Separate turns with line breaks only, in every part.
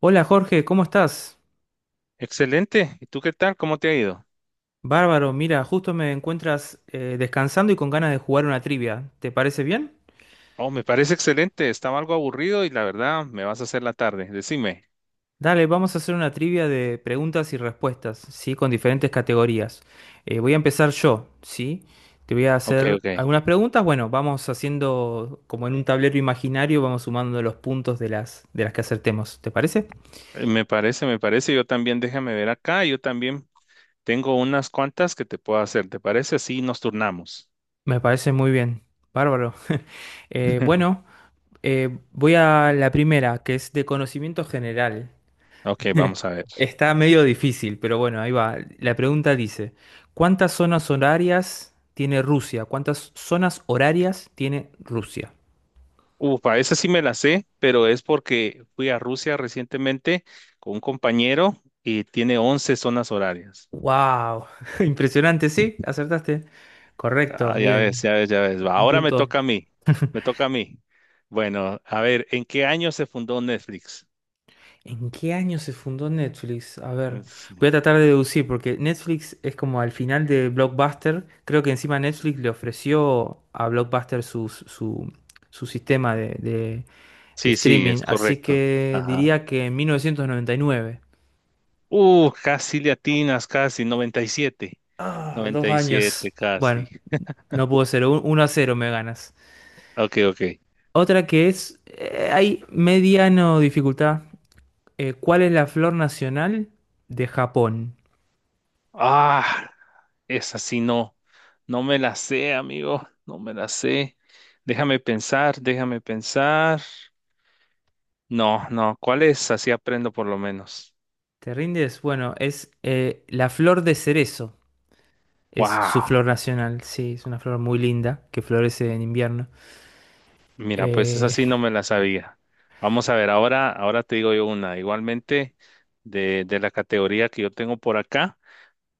Hola Jorge, ¿cómo estás?
Excelente. ¿Y tú qué tal? ¿Cómo te ha ido?
Bárbaro, mira, justo me encuentras descansando y con ganas de jugar una trivia. ¿Te parece bien?
Oh, me parece excelente. Estaba algo aburrido y la verdad me vas a hacer la tarde. Decime.
Dale, vamos a hacer una trivia de preguntas y respuestas, ¿sí? Con diferentes categorías. Voy a empezar yo, ¿sí? Te voy a
Ok,
hacer
ok.
algunas preguntas. Bueno, vamos haciendo como en un tablero imaginario, vamos sumando los puntos de las que acertemos. ¿Te parece?
Me parece, me parece. Yo también, déjame ver acá. Yo también tengo unas cuantas que te puedo hacer. ¿Te parece? Así nos turnamos.
Me parece muy bien. Bárbaro. Bueno, voy a la primera, que es de conocimiento general.
Ok, vamos a ver.
Está medio difícil, pero bueno, ahí va. La pregunta dice, ¿cuántas zonas horarias tiene Rusia? ¿Cuántas zonas horarias tiene Rusia?
Upa, esa sí me la sé, pero es porque fui a Rusia recientemente con un compañero y tiene 11 zonas horarias.
¡Wow! Impresionante, sí, acertaste. Correcto,
Ah, ya ves,
bien.
ya ves, ya ves. Va,
Un
ahora me
punto.
toca a mí. Me toca a mí. Bueno, a ver, ¿en qué año se fundó Netflix?
¿En qué año se fundó Netflix? A ver,
Es-
voy a tratar de deducir, porque Netflix es como al final de Blockbuster. Creo que encima Netflix le ofreció a Blockbuster su sistema de
Sí, sí,
streaming.
es
Así
correcto.
que
Ajá.
diría que en 1999.
Casi le atinas, casi,
Ah, dos
noventa y siete,
años. Bueno,
casi.
no pudo ser. 1-0 me ganas.
Ok, ok.
Otra que es, hay mediano dificultad. ¿Cuál es la flor nacional de Japón?
Ah, esa sí no. No me la sé, amigo. No me la sé. Déjame pensar, déjame pensar. No, no, ¿cuál es? Así aprendo por lo menos.
¿Te rindes? Bueno, es la flor de cerezo. Es su
Wow.
flor nacional, sí, es una flor muy linda que florece en invierno.
Mira, pues esa
Eh,
sí no me la sabía. Vamos a ver, ahora, ahora te digo yo una. Igualmente, de la categoría que yo tengo por acá,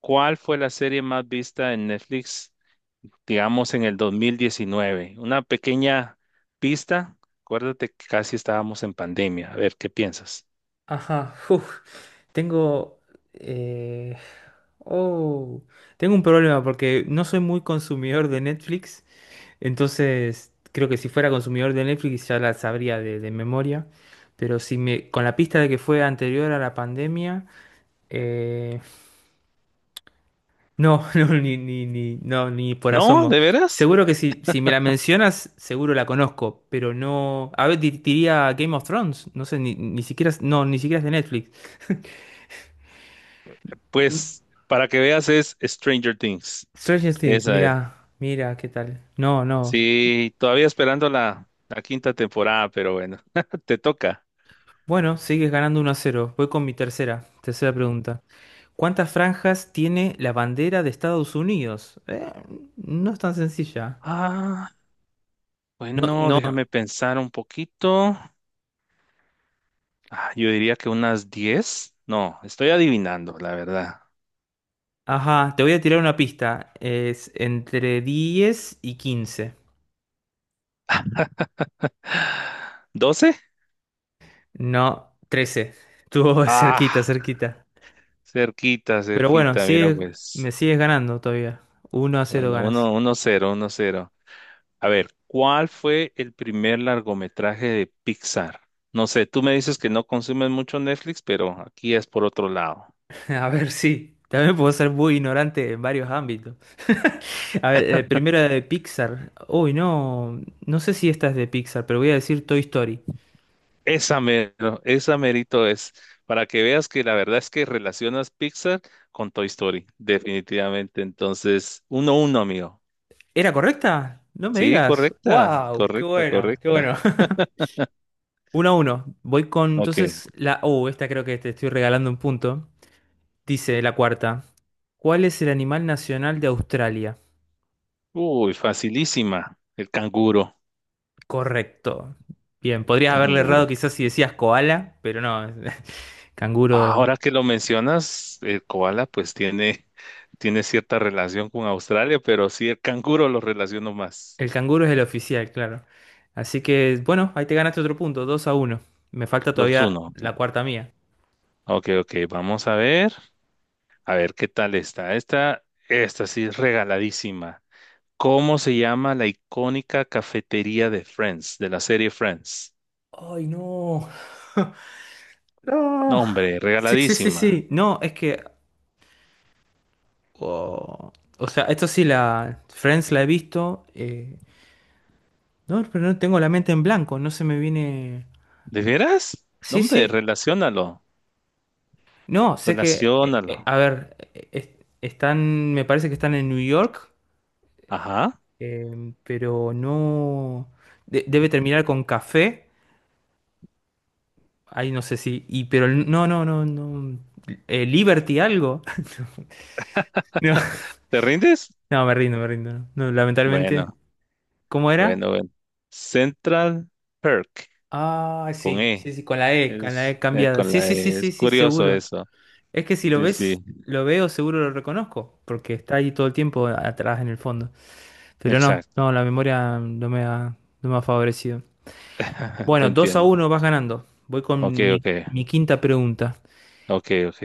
¿cuál fue la serie más vista en Netflix, digamos, en el 2019? Una pequeña pista. Acuérdate que casi estábamos en pandemia. A ver, ¿qué piensas?
Ajá, uf, tengo... eh, oh, tengo un problema porque no soy muy consumidor de Netflix, entonces creo que si fuera consumidor de Netflix ya la sabría de memoria, pero si me, con la pista de que fue anterior a la pandemia, eh, no, ni por
¿No?
asomo.
¿De veras?
Seguro que si me la mencionas, seguro la conozco, pero no... A ver, diría Game of Thrones, no sé, ni siquiera, no, ni siquiera es de Netflix.
Pues para que veas es Stranger Things.
Stranger Things,
Esa es.
mira, mira, ¿qué tal? No, no.
Sí, todavía esperando la quinta temporada, pero bueno, te toca.
Bueno, sigues ganando 1-0. Voy con mi tercera pregunta. ¿Cuántas franjas tiene la bandera de Estados Unidos? No es tan sencilla.
Ah.
No,
Bueno,
no.
déjame pensar un poquito. Ah, yo diría que unas 10. No, estoy adivinando, la verdad.
Ajá, te voy a tirar una pista. Es entre 10 y 15.
12.
No, 13. Estuvo cerquita,
Ah,
cerquita.
cerquita,
Pero bueno,
cerquita, mira
me
pues.
sigues ganando todavía. 1-0
Bueno,
ganas.
uno, uno cero, uno cero. A ver, ¿cuál fue el primer largometraje de Pixar? No sé, tú me dices que no consumes mucho Netflix, pero aquí es por otro lado.
A ver, sí. También puedo ser muy ignorante en varios ámbitos. A ver, primero era de Pixar. Uy, no, no sé si esta es de Pixar, pero voy a decir Toy Story.
Esa mero, esa merito es, para que veas que la verdad es que relacionas Pixar con Toy Story, definitivamente. Entonces, uno uno, amigo.
¿Era correcta? No me
Sí,
digas.
correcta,
¡Wow! ¡Qué
correcta,
bueno! ¡Qué bueno!
correcta.
Uno a uno. Voy con
Ok.
entonces la... Oh, esta creo que te estoy regalando un punto. Dice la cuarta. ¿Cuál es el animal nacional de Australia?
Uy, facilísima. El canguro,
Correcto. Bien, podrías haberle
canguro.
errado quizás si decías koala, pero no, canguro.
Ahora que lo mencionas, el koala pues tiene cierta relación con Australia, pero sí el canguro lo relaciono más.
El canguro es el oficial, claro. Así que, bueno, ahí te ganaste otro punto, 2-1. Me falta
Dos
todavía
uno.
la cuarta mía.
Ok, ok, ok, vamos a ver. A ver, ¿qué tal está? Esta sí es regaladísima. ¿Cómo se llama la icónica cafetería de Friends, de la serie Friends?
¡Ay, no!
No,
¡No!
hombre,
Sí, sí, sí,
regaladísima.
sí. No, es que. oh, O sea, esto sí, la. Friends la he visto. No, pero no tengo la mente en blanco, no se me viene.
¿De veras? No,
Sí,
hombre,
sí.
relaciónalo,
No, sé que. eh,
relaciónalo.
eh, A ver, es- están. Me parece que están en New York,
Ajá,
pero no. Debe terminar con café. Ay, no sé si. Pero no, no, no, no. Liberty algo. No,
¿te rindes?
no, me rindo, me rindo. No, no, lamentablemente.
Bueno,
¿Cómo
bueno,
era?
bueno. Central Perk,
Ah,
con
sí, sí,
E.
sí, con la E, con la
Es,
E cambiada.
con
Sí,
la
sí, sí,
E.
sí,
Es
sí,
curioso
seguro.
eso.
Es que si lo
Sí, sí,
ves, lo veo, seguro lo reconozco, porque está ahí todo el tiempo atrás en el fondo. Pero no,
exacto.
no, la memoria no me ha favorecido.
Te
Bueno, 2 a
entiendo.
uno vas ganando. Voy
Ok,
con mi,
ok,
mi quinta pregunta.
ok, ok.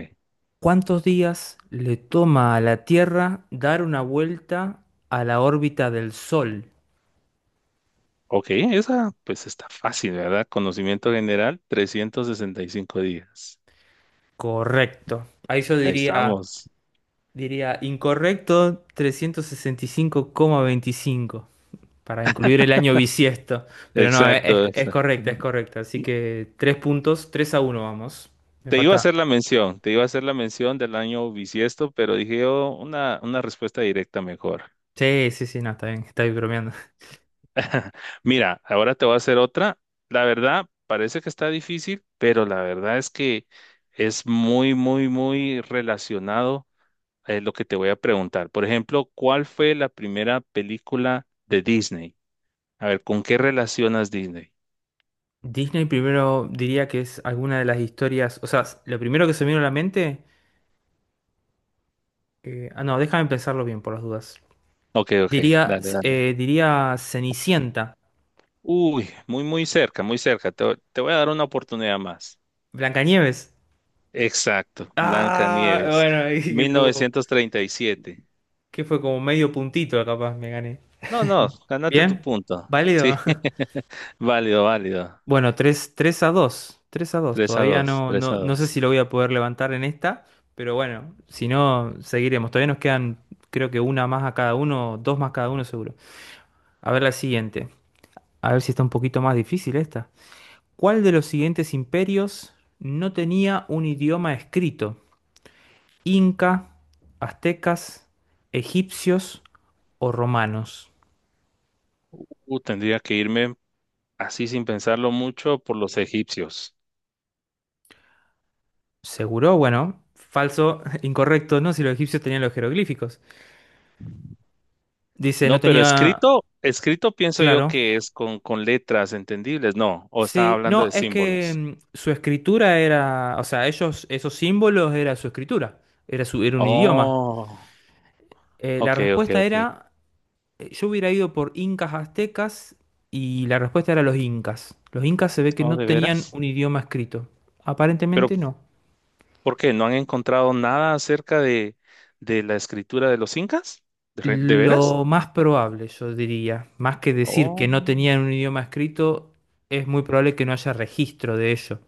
¿Cuántos días le toma a la Tierra dar una vuelta a la órbita del Sol?
Ok, esa pues está fácil, ¿verdad? Conocimiento general, 365 días.
Correcto. Ahí yo
Ahí
diría,
estamos.
diría incorrecto 365,25 para incluir el año bisiesto. Pero no,
Exacto,
es
exacto.
correcta,
No,
es correcta. Así que tres puntos, 3-1 vamos. Me
te iba a
falta.
hacer la mención, te iba a hacer la mención del año bisiesto, pero dije yo una respuesta directa mejor.
Sí, sí, sí, no, está bien bromeando.
Mira, ahora te voy a hacer otra. La verdad, parece que está difícil, pero la verdad es que es muy, muy, muy relacionado a lo que te voy a preguntar. Por ejemplo, ¿cuál fue la primera película de Disney? A ver, ¿con qué relacionas Disney?
Disney primero diría que es alguna de las historias. O sea, lo primero que se me vino a la mente. Ah, no, déjame pensarlo bien por las dudas.
Ok, ok,
Diría,
dale, dale.
eh, diría Cenicienta.
Uy, muy, muy cerca, muy cerca. Te voy a dar una oportunidad más.
Blancanieves.
Exacto, Blanca
Ah,
Nieves,
bueno, ahí
1937.
que fue como medio puntito, capaz me gané.
No, no, ganate tu
¿Bien?
punto. Sí,
¿Válido?
válido, válido.
Bueno, tres a dos, 3-2.
3 a
Todavía
2,
no,
3 a
no sé
2.
si lo voy a poder levantar en esta, pero bueno, si no, seguiremos. Todavía nos quedan, creo que una más a cada uno, dos más cada uno seguro. A ver la siguiente. A ver si está un poquito más difícil esta. ¿Cuál de los siguientes imperios no tenía un idioma escrito? Inca, aztecas, egipcios o romanos.
Tendría que irme así sin pensarlo mucho por los egipcios.
Seguro, bueno, falso, incorrecto, ¿no? Si los egipcios tenían los jeroglíficos. Dice, no
No, pero
tenía...
escrito, escrito pienso yo
Claro.
que es con letras entendibles, no, o estaba
Sí,
hablando
no,
de
es que
símbolos.
su escritura era, o sea, ellos, esos símbolos era su escritura, era su, era un idioma.
Oh.
La
Ok, ok,
respuesta
ok.
era, yo hubiera ido por incas aztecas y la respuesta era los incas. Los incas se ve que
Oh,
no
¿de
tenían
veras?
un idioma escrito.
¿Pero
Aparentemente no.
por qué? ¿No han encontrado nada acerca de la escritura de los incas? ¿De veras?
Lo más probable, yo diría, más que decir que no
Oh,
tenían un idioma escrito, es muy probable que no haya registro de ello,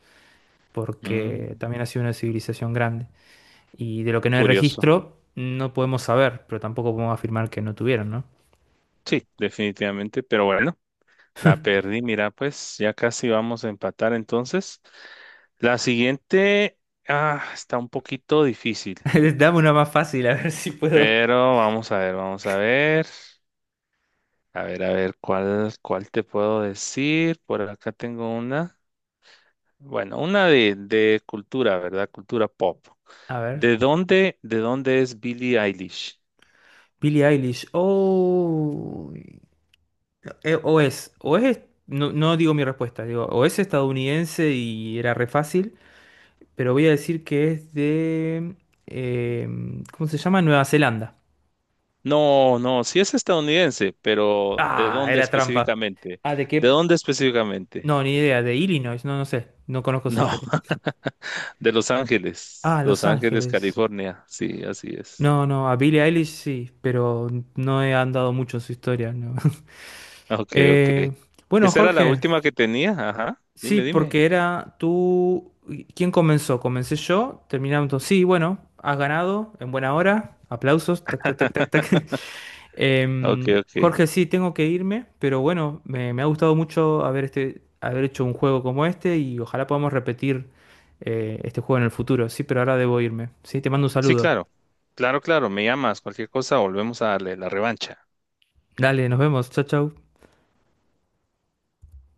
porque
mm,
también ha sido una civilización grande. Y de lo que no hay
curioso.
registro, no podemos saber, pero tampoco podemos afirmar que no tuvieron, ¿no?
Sí, definitivamente, pero bueno, la perdí. Mira, pues ya casi vamos a empatar entonces. La siguiente, ah, está un poquito difícil,
Dame una más fácil, a ver si puedo.
pero vamos a ver, vamos a ver. A ver, a ver, ¿cuál te puedo decir? Por acá tengo una. Bueno, una de cultura, ¿verdad? Cultura pop.
A ver.
¿De dónde es Billie Eilish?
Billie Eilish. Oh, eh, o es, o es, no digo mi respuesta, digo, o es estadounidense y era re fácil. Pero voy a decir que es de... ¿cómo se llama? Nueva Zelanda.
No, no, sí es estadounidense, pero ¿de
Ah,
dónde
era trampa.
específicamente?
Ah, ¿de
¿De
qué?
dónde específicamente?
No, ni idea. De Illinois, no sé. No conozco su
No,
historia.
de Los Ángeles,
Ah,
Los
Los
Ángeles,
Ángeles.
California. Sí, así es.
No, no, a Billie Eilish sí, pero no he andado mucho en su historia, no.
Ok, ok.
Eh, bueno,
Esa era la
Jorge,
última que tenía, ajá.
sí,
Dime, dime.
porque era tú... ¿Quién comenzó? Comencé yo, terminamos. Sí, bueno, has ganado, en buena hora. Aplausos, tac, tac, tac, tac, tac.
Ok, ok.
Jorge, sí, tengo que irme, pero bueno, me ha gustado mucho haber hecho un juego como este y ojalá podamos repetir este juego en el futuro, sí, pero ahora debo irme. Sí, te mando un
Sí,
saludo.
claro. Claro, claro, me llamas, cualquier cosa, volvemos a darle la revancha.
Dale, nos vemos, chao, chao.